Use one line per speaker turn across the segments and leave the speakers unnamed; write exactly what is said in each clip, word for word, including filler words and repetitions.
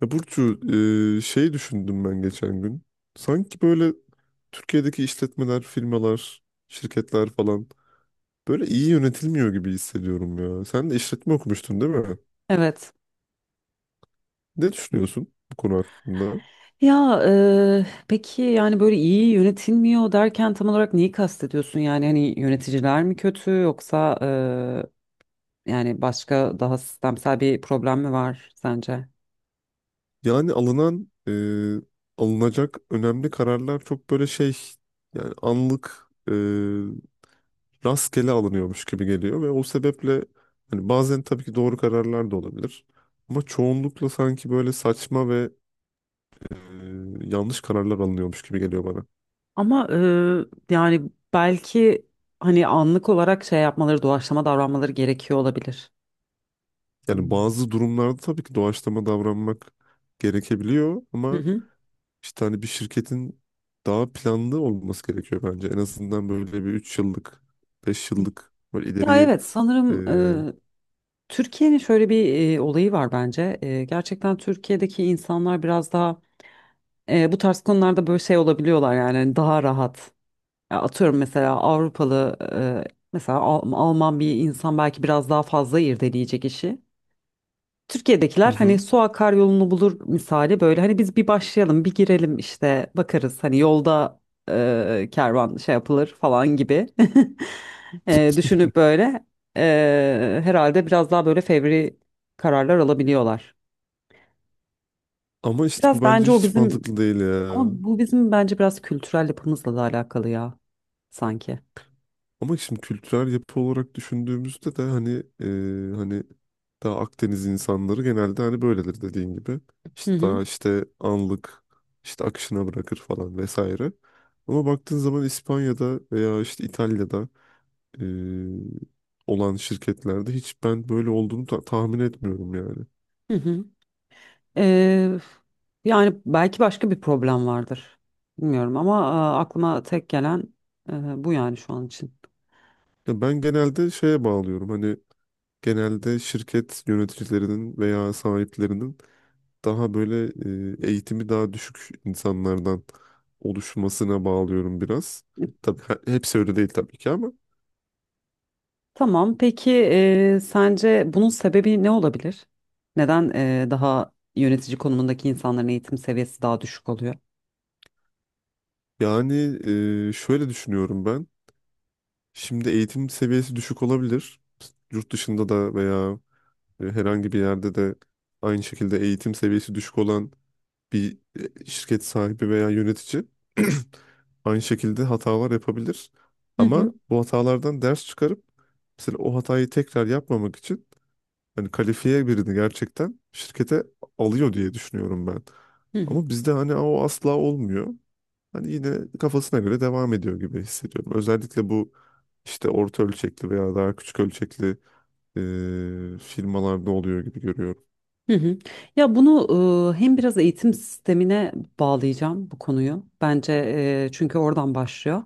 Ya Burcu, e, şey düşündüm ben geçen gün. Sanki böyle Türkiye'deki işletmeler, firmalar, şirketler falan böyle iyi yönetilmiyor gibi hissediyorum ya. Sen de işletme okumuştun, değil mi?
Evet.
Ne düşünüyorsun bu konu hakkında?
Ya eee, peki yani böyle iyi yönetilmiyor derken tam olarak neyi kastediyorsun? Yani hani yöneticiler mi kötü yoksa eee, yani başka daha sistemsel bir problem mi var sence?
Yani alınan, e, Alınacak önemli kararlar çok böyle şey, yani anlık, e, rastgele alınıyormuş gibi geliyor ve o sebeple hani bazen tabii ki doğru kararlar da olabilir. Ama çoğunlukla sanki böyle saçma ve e, yanlış kararlar alınıyormuş gibi geliyor bana.
Ama eee, yani belki hani anlık olarak şey yapmaları, doğaçlama davranmaları gerekiyor olabilir.
Yani
Hmm.
bazı durumlarda tabii ki doğaçlama davranmak gerekebiliyor
Hı
ama
hı.
işte hani bir şirketin daha planlı olması gerekiyor bence. En azından böyle bir üç yıllık, beş yıllık böyle
Ya
ileriye
evet
e,
sanırım e, Türkiye'nin şöyle bir e, olayı var bence. E, gerçekten Türkiye'deki insanlar biraz daha e, bu tarz konularda böyle şey olabiliyorlar yani hani daha rahat. Ya atıyorum mesela Avrupalı e, mesela Al- Alman bir insan belki biraz daha fazla irdeleyecek işi.
hı
Türkiye'dekiler hani
hı.
su akar yolunu bulur misali, böyle hani biz bir başlayalım bir girelim işte bakarız hani yolda e, kervan şey yapılır falan gibi. e, düşünüp böyle e, herhalde biraz daha böyle fevri kararlar alabiliyorlar.
Ama işte bu
Biraz
bence
bence o
hiç
bizim,
mantıklı değil ya.
ama bu bizim bence biraz kültürel yapımızla da alakalı ya, sanki.
Ama şimdi kültürel yapı olarak düşündüğümüzde de hani e, hani daha Akdeniz insanları genelde hani böyledir, dediğin gibi.
Hı
İşte
hı,
daha işte anlık, işte akışına bırakır falan vesaire. Ama baktığın zaman İspanya'da veya işte İtalya'da e, olan şirketlerde hiç ben böyle olduğunu ta- tahmin etmiyorum yani.
hı hı. E, yani belki başka bir problem vardır. Bilmiyorum ama e, aklıma tek gelen e, bu, yani şu an için.
Ya ben genelde şeye bağlıyorum, hani genelde şirket yöneticilerinin veya sahiplerinin daha böyle e, eğitimi daha düşük insanlardan oluşmasına bağlıyorum biraz. Tabii he- hepsi öyle değil tabii ki ama
Tamam. Peki eee, sence bunun sebebi ne olabilir? Neden eee, daha yönetici konumundaki insanların eğitim seviyesi daha düşük oluyor?
yani, e, şöyle düşünüyorum ben. Şimdi eğitim seviyesi düşük olabilir. Yurt dışında da veya e, herhangi bir yerde de aynı şekilde eğitim seviyesi düşük olan bir e, şirket sahibi veya yönetici aynı şekilde hatalar yapabilir.
Hı hı.
Ama bu hatalardan ders çıkarıp mesela o hatayı tekrar yapmamak için hani kalifiye birini gerçekten şirkete alıyor diye düşünüyorum ben.
Hı hı.
Ama bizde hani o asla olmuyor. Hani yine kafasına göre devam ediyor gibi hissediyorum. Özellikle bu işte orta ölçekli veya daha küçük ölçekli e, firmalarda oluyor gibi görüyorum.
Hı hı. Ya bunu e, hem biraz eğitim sistemine bağlayacağım bu konuyu. Bence e, çünkü oradan başlıyor.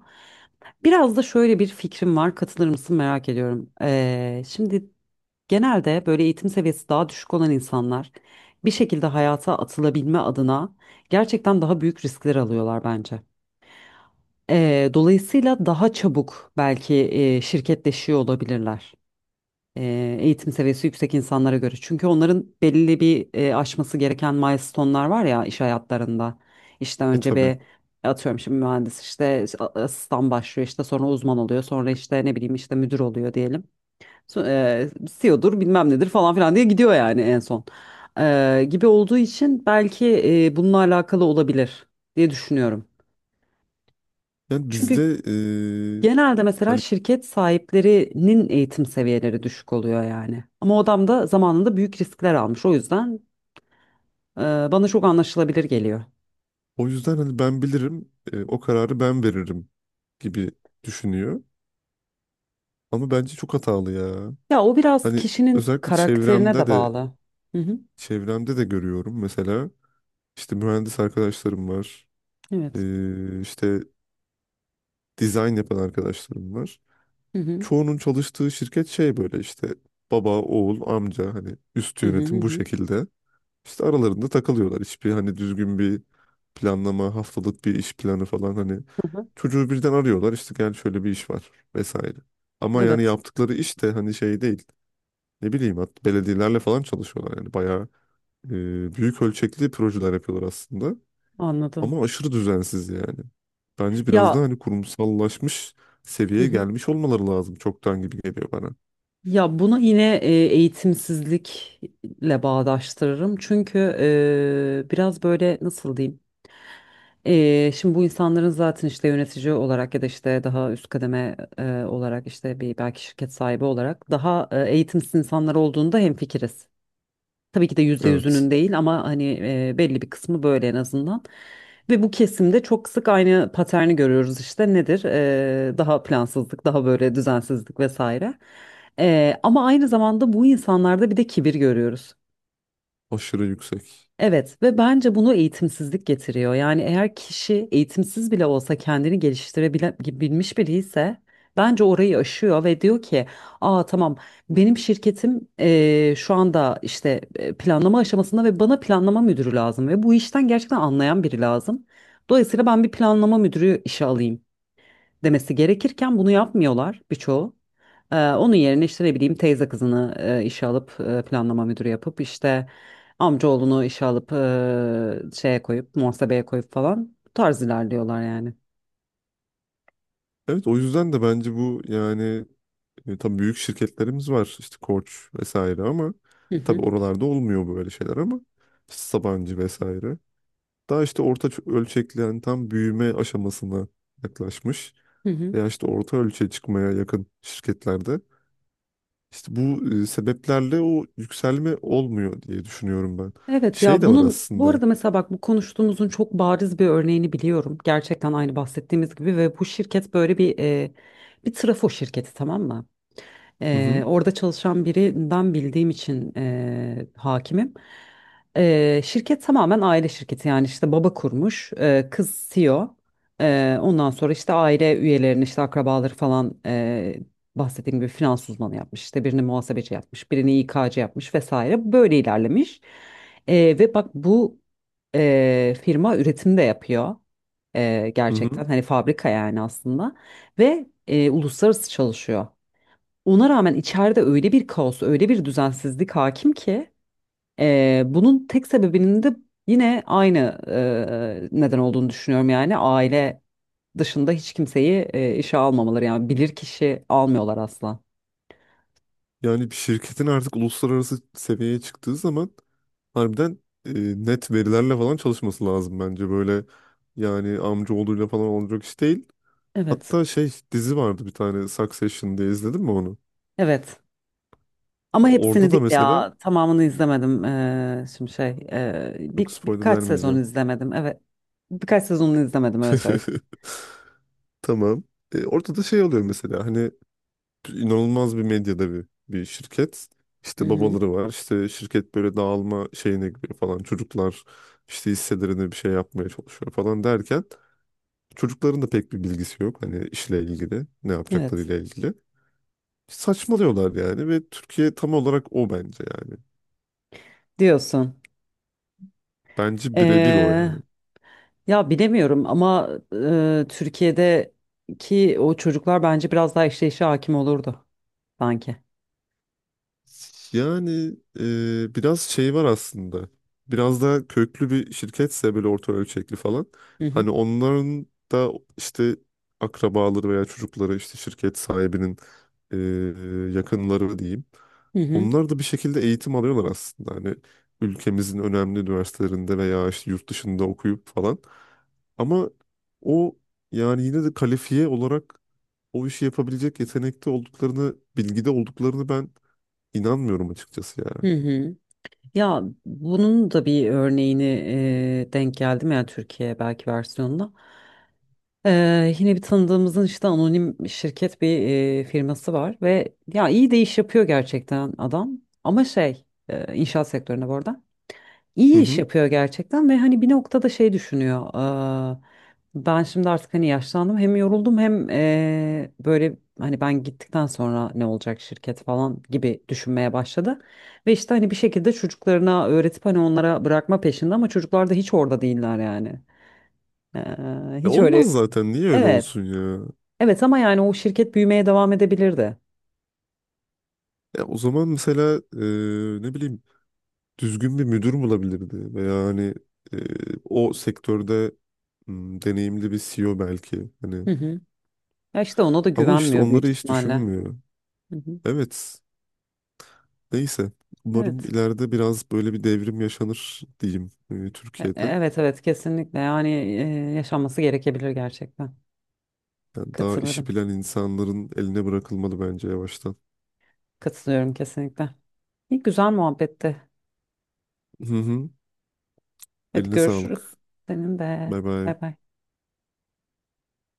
Biraz da şöyle bir fikrim var. Katılır mısın merak ediyorum. E, şimdi genelde böyle eğitim seviyesi daha düşük olan insanlar bir şekilde hayata atılabilme adına gerçekten daha büyük riskler alıyorlar bence. E, dolayısıyla daha çabuk belki e, şirketleşiyor olabilirler, e, eğitim seviyesi yüksek insanlara göre. Çünkü onların belli bir e, aşması gereken milestone'lar var ya, iş hayatlarında. İşte
E
önce
tabii.
bir atıyorum şimdi mühendis işte a- asistan başlıyor, işte sonra uzman oluyor, sonra işte ne bileyim işte müdür oluyor diyelim. So- E, C E O'dur bilmem nedir falan filan diye gidiyor yani en son. E, gibi olduğu için belki e, bununla alakalı olabilir diye düşünüyorum.
Yani
Çünkü
bizde e,
genelde mesela
hani
şirket sahiplerinin eğitim seviyeleri düşük oluyor yani. Ama o adam da zamanında büyük riskler almış. O yüzden e, bana çok anlaşılabilir geliyor.
o yüzden hani ben bilirim, e, o kararı ben veririm gibi düşünüyor. Ama bence çok hatalı ya.
Ya o biraz
Hani
kişinin
özellikle
karakterine
çevremde
de
de
bağlı. Hı hı.
çevremde de görüyorum mesela. İşte mühendis arkadaşlarım var.
Evet.
Ee, işte dizayn yapan arkadaşlarım var.
Hı hı.
Çoğunun çalıştığı şirket şey, böyle işte baba, oğul, amca, hani üst
Hı hı. Hı
yönetim bu
hı.
şekilde. İşte aralarında takılıyorlar. Hiçbir hani düzgün bir planlama, haftalık bir iş planı falan hani,
Hı hı.
çocuğu birden arıyorlar işte, gel şöyle bir iş var vesaire. Ama yani
Evet.
yaptıkları iş de hani şey değil. Ne bileyim hat belediyelerle falan çalışıyorlar yani bayağı e, büyük ölçekli projeler yapıyorlar aslında.
Anladım.
Ama aşırı düzensiz yani. Bence biraz daha
Ya,
hani kurumsallaşmış
hı
seviyeye
hı.
gelmiş olmaları lazım çoktan gibi geliyor bana.
Ya bunu yine e, eğitimsizlikle bağdaştırırım. Çünkü e, biraz böyle, nasıl diyeyim? Ee, şimdi bu insanların zaten işte yönetici olarak ya da işte daha üst kademe e, olarak, işte bir belki şirket sahibi olarak daha e, eğitimsiz insanlar olduğunda hemfikiriz. Tabii ki de yüzde
Evet.
yüzünün değil, ama hani e, belli bir kısmı böyle, en azından. Ve bu kesimde çok sık aynı paterni görüyoruz. İşte nedir? Ee, daha plansızlık, daha böyle düzensizlik vesaire. Ee, ama aynı zamanda bu insanlarda bir de kibir görüyoruz.
Aşırı yüksek.
Evet, ve bence bunu eğitimsizlik getiriyor. Yani eğer kişi eğitimsiz bile olsa kendini geliştirebilmiş biri ise bence orayı aşıyor ve diyor ki, aa tamam, benim şirketim eee, şu anda işte e, planlama aşamasında ve bana planlama müdürü lazım ve bu işten gerçekten anlayan biri lazım. Dolayısıyla ben bir planlama müdürü işe alayım demesi gerekirken, bunu yapmıyorlar birçoğu. Ee, onun yerine işte ne bileyim teyze kızını e, işe alıp e, planlama müdürü yapıp, işte amcaoğlunu işe alıp e, şeye koyup, muhasebeye koyup falan, bu tarz ilerliyorlar yani.
Evet, o yüzden de bence bu yani, e, tabii büyük şirketlerimiz var işte Koç vesaire ama
Hı
tabii
hı.
oralarda olmuyor böyle şeyler ama işte Sabancı vesaire. Daha işte orta ç- ölçekli yani tam büyüme aşamasına yaklaşmış
Hı hı.
veya işte orta ölçeğe çıkmaya yakın şirketlerde, İşte bu e, sebeplerle o yükselme olmuyor diye düşünüyorum ben.
Evet,
Şey
ya
de var
bunun bu
aslında.
arada mesela bak, bu konuştuğumuzun çok bariz bir örneğini biliyorum. Gerçekten aynı bahsettiğimiz gibi ve bu şirket böyle bir e, bir trafo şirketi, tamam mı?
Hı
Eee,
hı.
orada çalışan birinden bildiğim için eee, hakimim. Eee, şirket tamamen aile şirketi, yani işte baba kurmuş, eee, kız C E O. Eee, ondan sonra işte aile üyelerini, işte akrabaları falan, eee bahsettiğim gibi finans uzmanı yapmış. İşte birini muhasebeci yapmış, birini İ K'cı yapmış vesaire. Böyle ilerlemiş. Eee, ve bak, bu eee, firma üretim de yapıyor. Eee,
Hı hı.
gerçekten hani fabrika yani aslında, ve eee, uluslararası çalışıyor. Ona rağmen içeride öyle bir kaos, öyle bir düzensizlik hakim ki eee, bunun tek sebebinin de yine aynı eee, neden olduğunu düşünüyorum, yani aile dışında hiç kimseyi eee, işe almamaları, yani bilir kişi almıyorlar asla.
Yani bir şirketin artık uluslararası seviyeye çıktığı zaman harbiden e, net verilerle falan çalışması lazım bence. Böyle yani amcaoğluyla falan olacak iş değil.
Evet,
Hatta şey, dizi vardı bir tane, Succession diye, izledin mi onu?
evet. Ama
Orada
hepsini
da
değil
mesela,
ya, tamamını izlemedim. Eee, şimdi şey eee,
yok,
bir,
spoiler
birkaç sezon
vermeyeceğim.
izlemedim. Evet, birkaç sezonunu izlemedim öyle söyleyeyim.
Tamam. E, orada da şey oluyor mesela, hani inanılmaz bir medya devi bir şirket.
Hı
İşte
hı.
babaları var. İşte şirket böyle dağılma şeyine giriyor falan. Çocuklar işte hisselerine bir şey yapmaya çalışıyor falan derken çocukların da pek bir bilgisi yok. Hani işle ilgili, ne
Evet,
yapacaklarıyla ilgili. Saçmalıyorlar yani ve Türkiye tam olarak o bence yani.
diyorsun.
Bence birebir o
Eee
yani.
Ya bilemiyorum ama e, Türkiye'deki o çocuklar bence biraz daha işleyişe hakim olurdu sanki.
Yani e, biraz şey var aslında. Biraz daha köklü bir şirketse böyle orta ölçekli falan.
Hı hı.
Hani onların da işte akrabaları veya çocukları, işte şirket sahibinin e, yakınları diyeyim.
Hı hı.
Onlar da bir şekilde eğitim alıyorlar aslında. Hani ülkemizin önemli üniversitelerinde veya işte yurt dışında okuyup falan. Ama o yani yine de kalifiye olarak o işi yapabilecek yetenekte olduklarını, bilgide olduklarını ben İnanmıyorum açıkçası ya.
Hı hı. Ya bunun da bir örneğini e, denk geldim, ya Türkiye belki versiyonunda? E, yine bir tanıdığımızın işte anonim şirket bir e, firması var ve, ya iyi de iş yapıyor gerçekten adam. Ama şey, e, inşaat sektöründe bu arada.
Hı
İyi iş
hı.
yapıyor gerçekten ve hani bir noktada şey düşünüyor: "Aa, ben şimdi artık hani yaşlandım, hem yoruldum, hem eee, böyle hani ben gittikten sonra ne olacak şirket," falan gibi düşünmeye başladı. Ve işte hani bir şekilde çocuklarına öğretip hani onlara bırakma peşinde, ama çocuklar da hiç orada değiller yani. Eee,
E,
hiç öyle.
olmaz zaten. Niye öyle
Evet.
olsun ya?
Evet, ama yani o şirket büyümeye devam edebilirdi.
Ya o zaman mesela, e, ne bileyim, düzgün bir müdür bulabilirdi veya hani e, o sektörde hmm, deneyimli bir C E O belki hani.
Hı hı. Ya işte ona da
Ama işte
güvenmiyor büyük
onları hiç
ihtimalle.
düşünmüyor.
Hı hı.
Evet. Neyse. Umarım
Evet.
ileride biraz böyle bir devrim yaşanır diyeyim e,
E-
Türkiye'de.
Evet, evet, kesinlikle yani, e, yaşanması gerekebilir gerçekten.
Yani daha işi
Katılırım.
bilen insanların eline bırakılmalı bence yavaştan.
Katılıyorum kesinlikle. İyi güzel muhabbetti.
Hı hı.
Hadi
Eline
görüşürüz.
sağlık.
Senin de.
Bay bay.
Bay bay.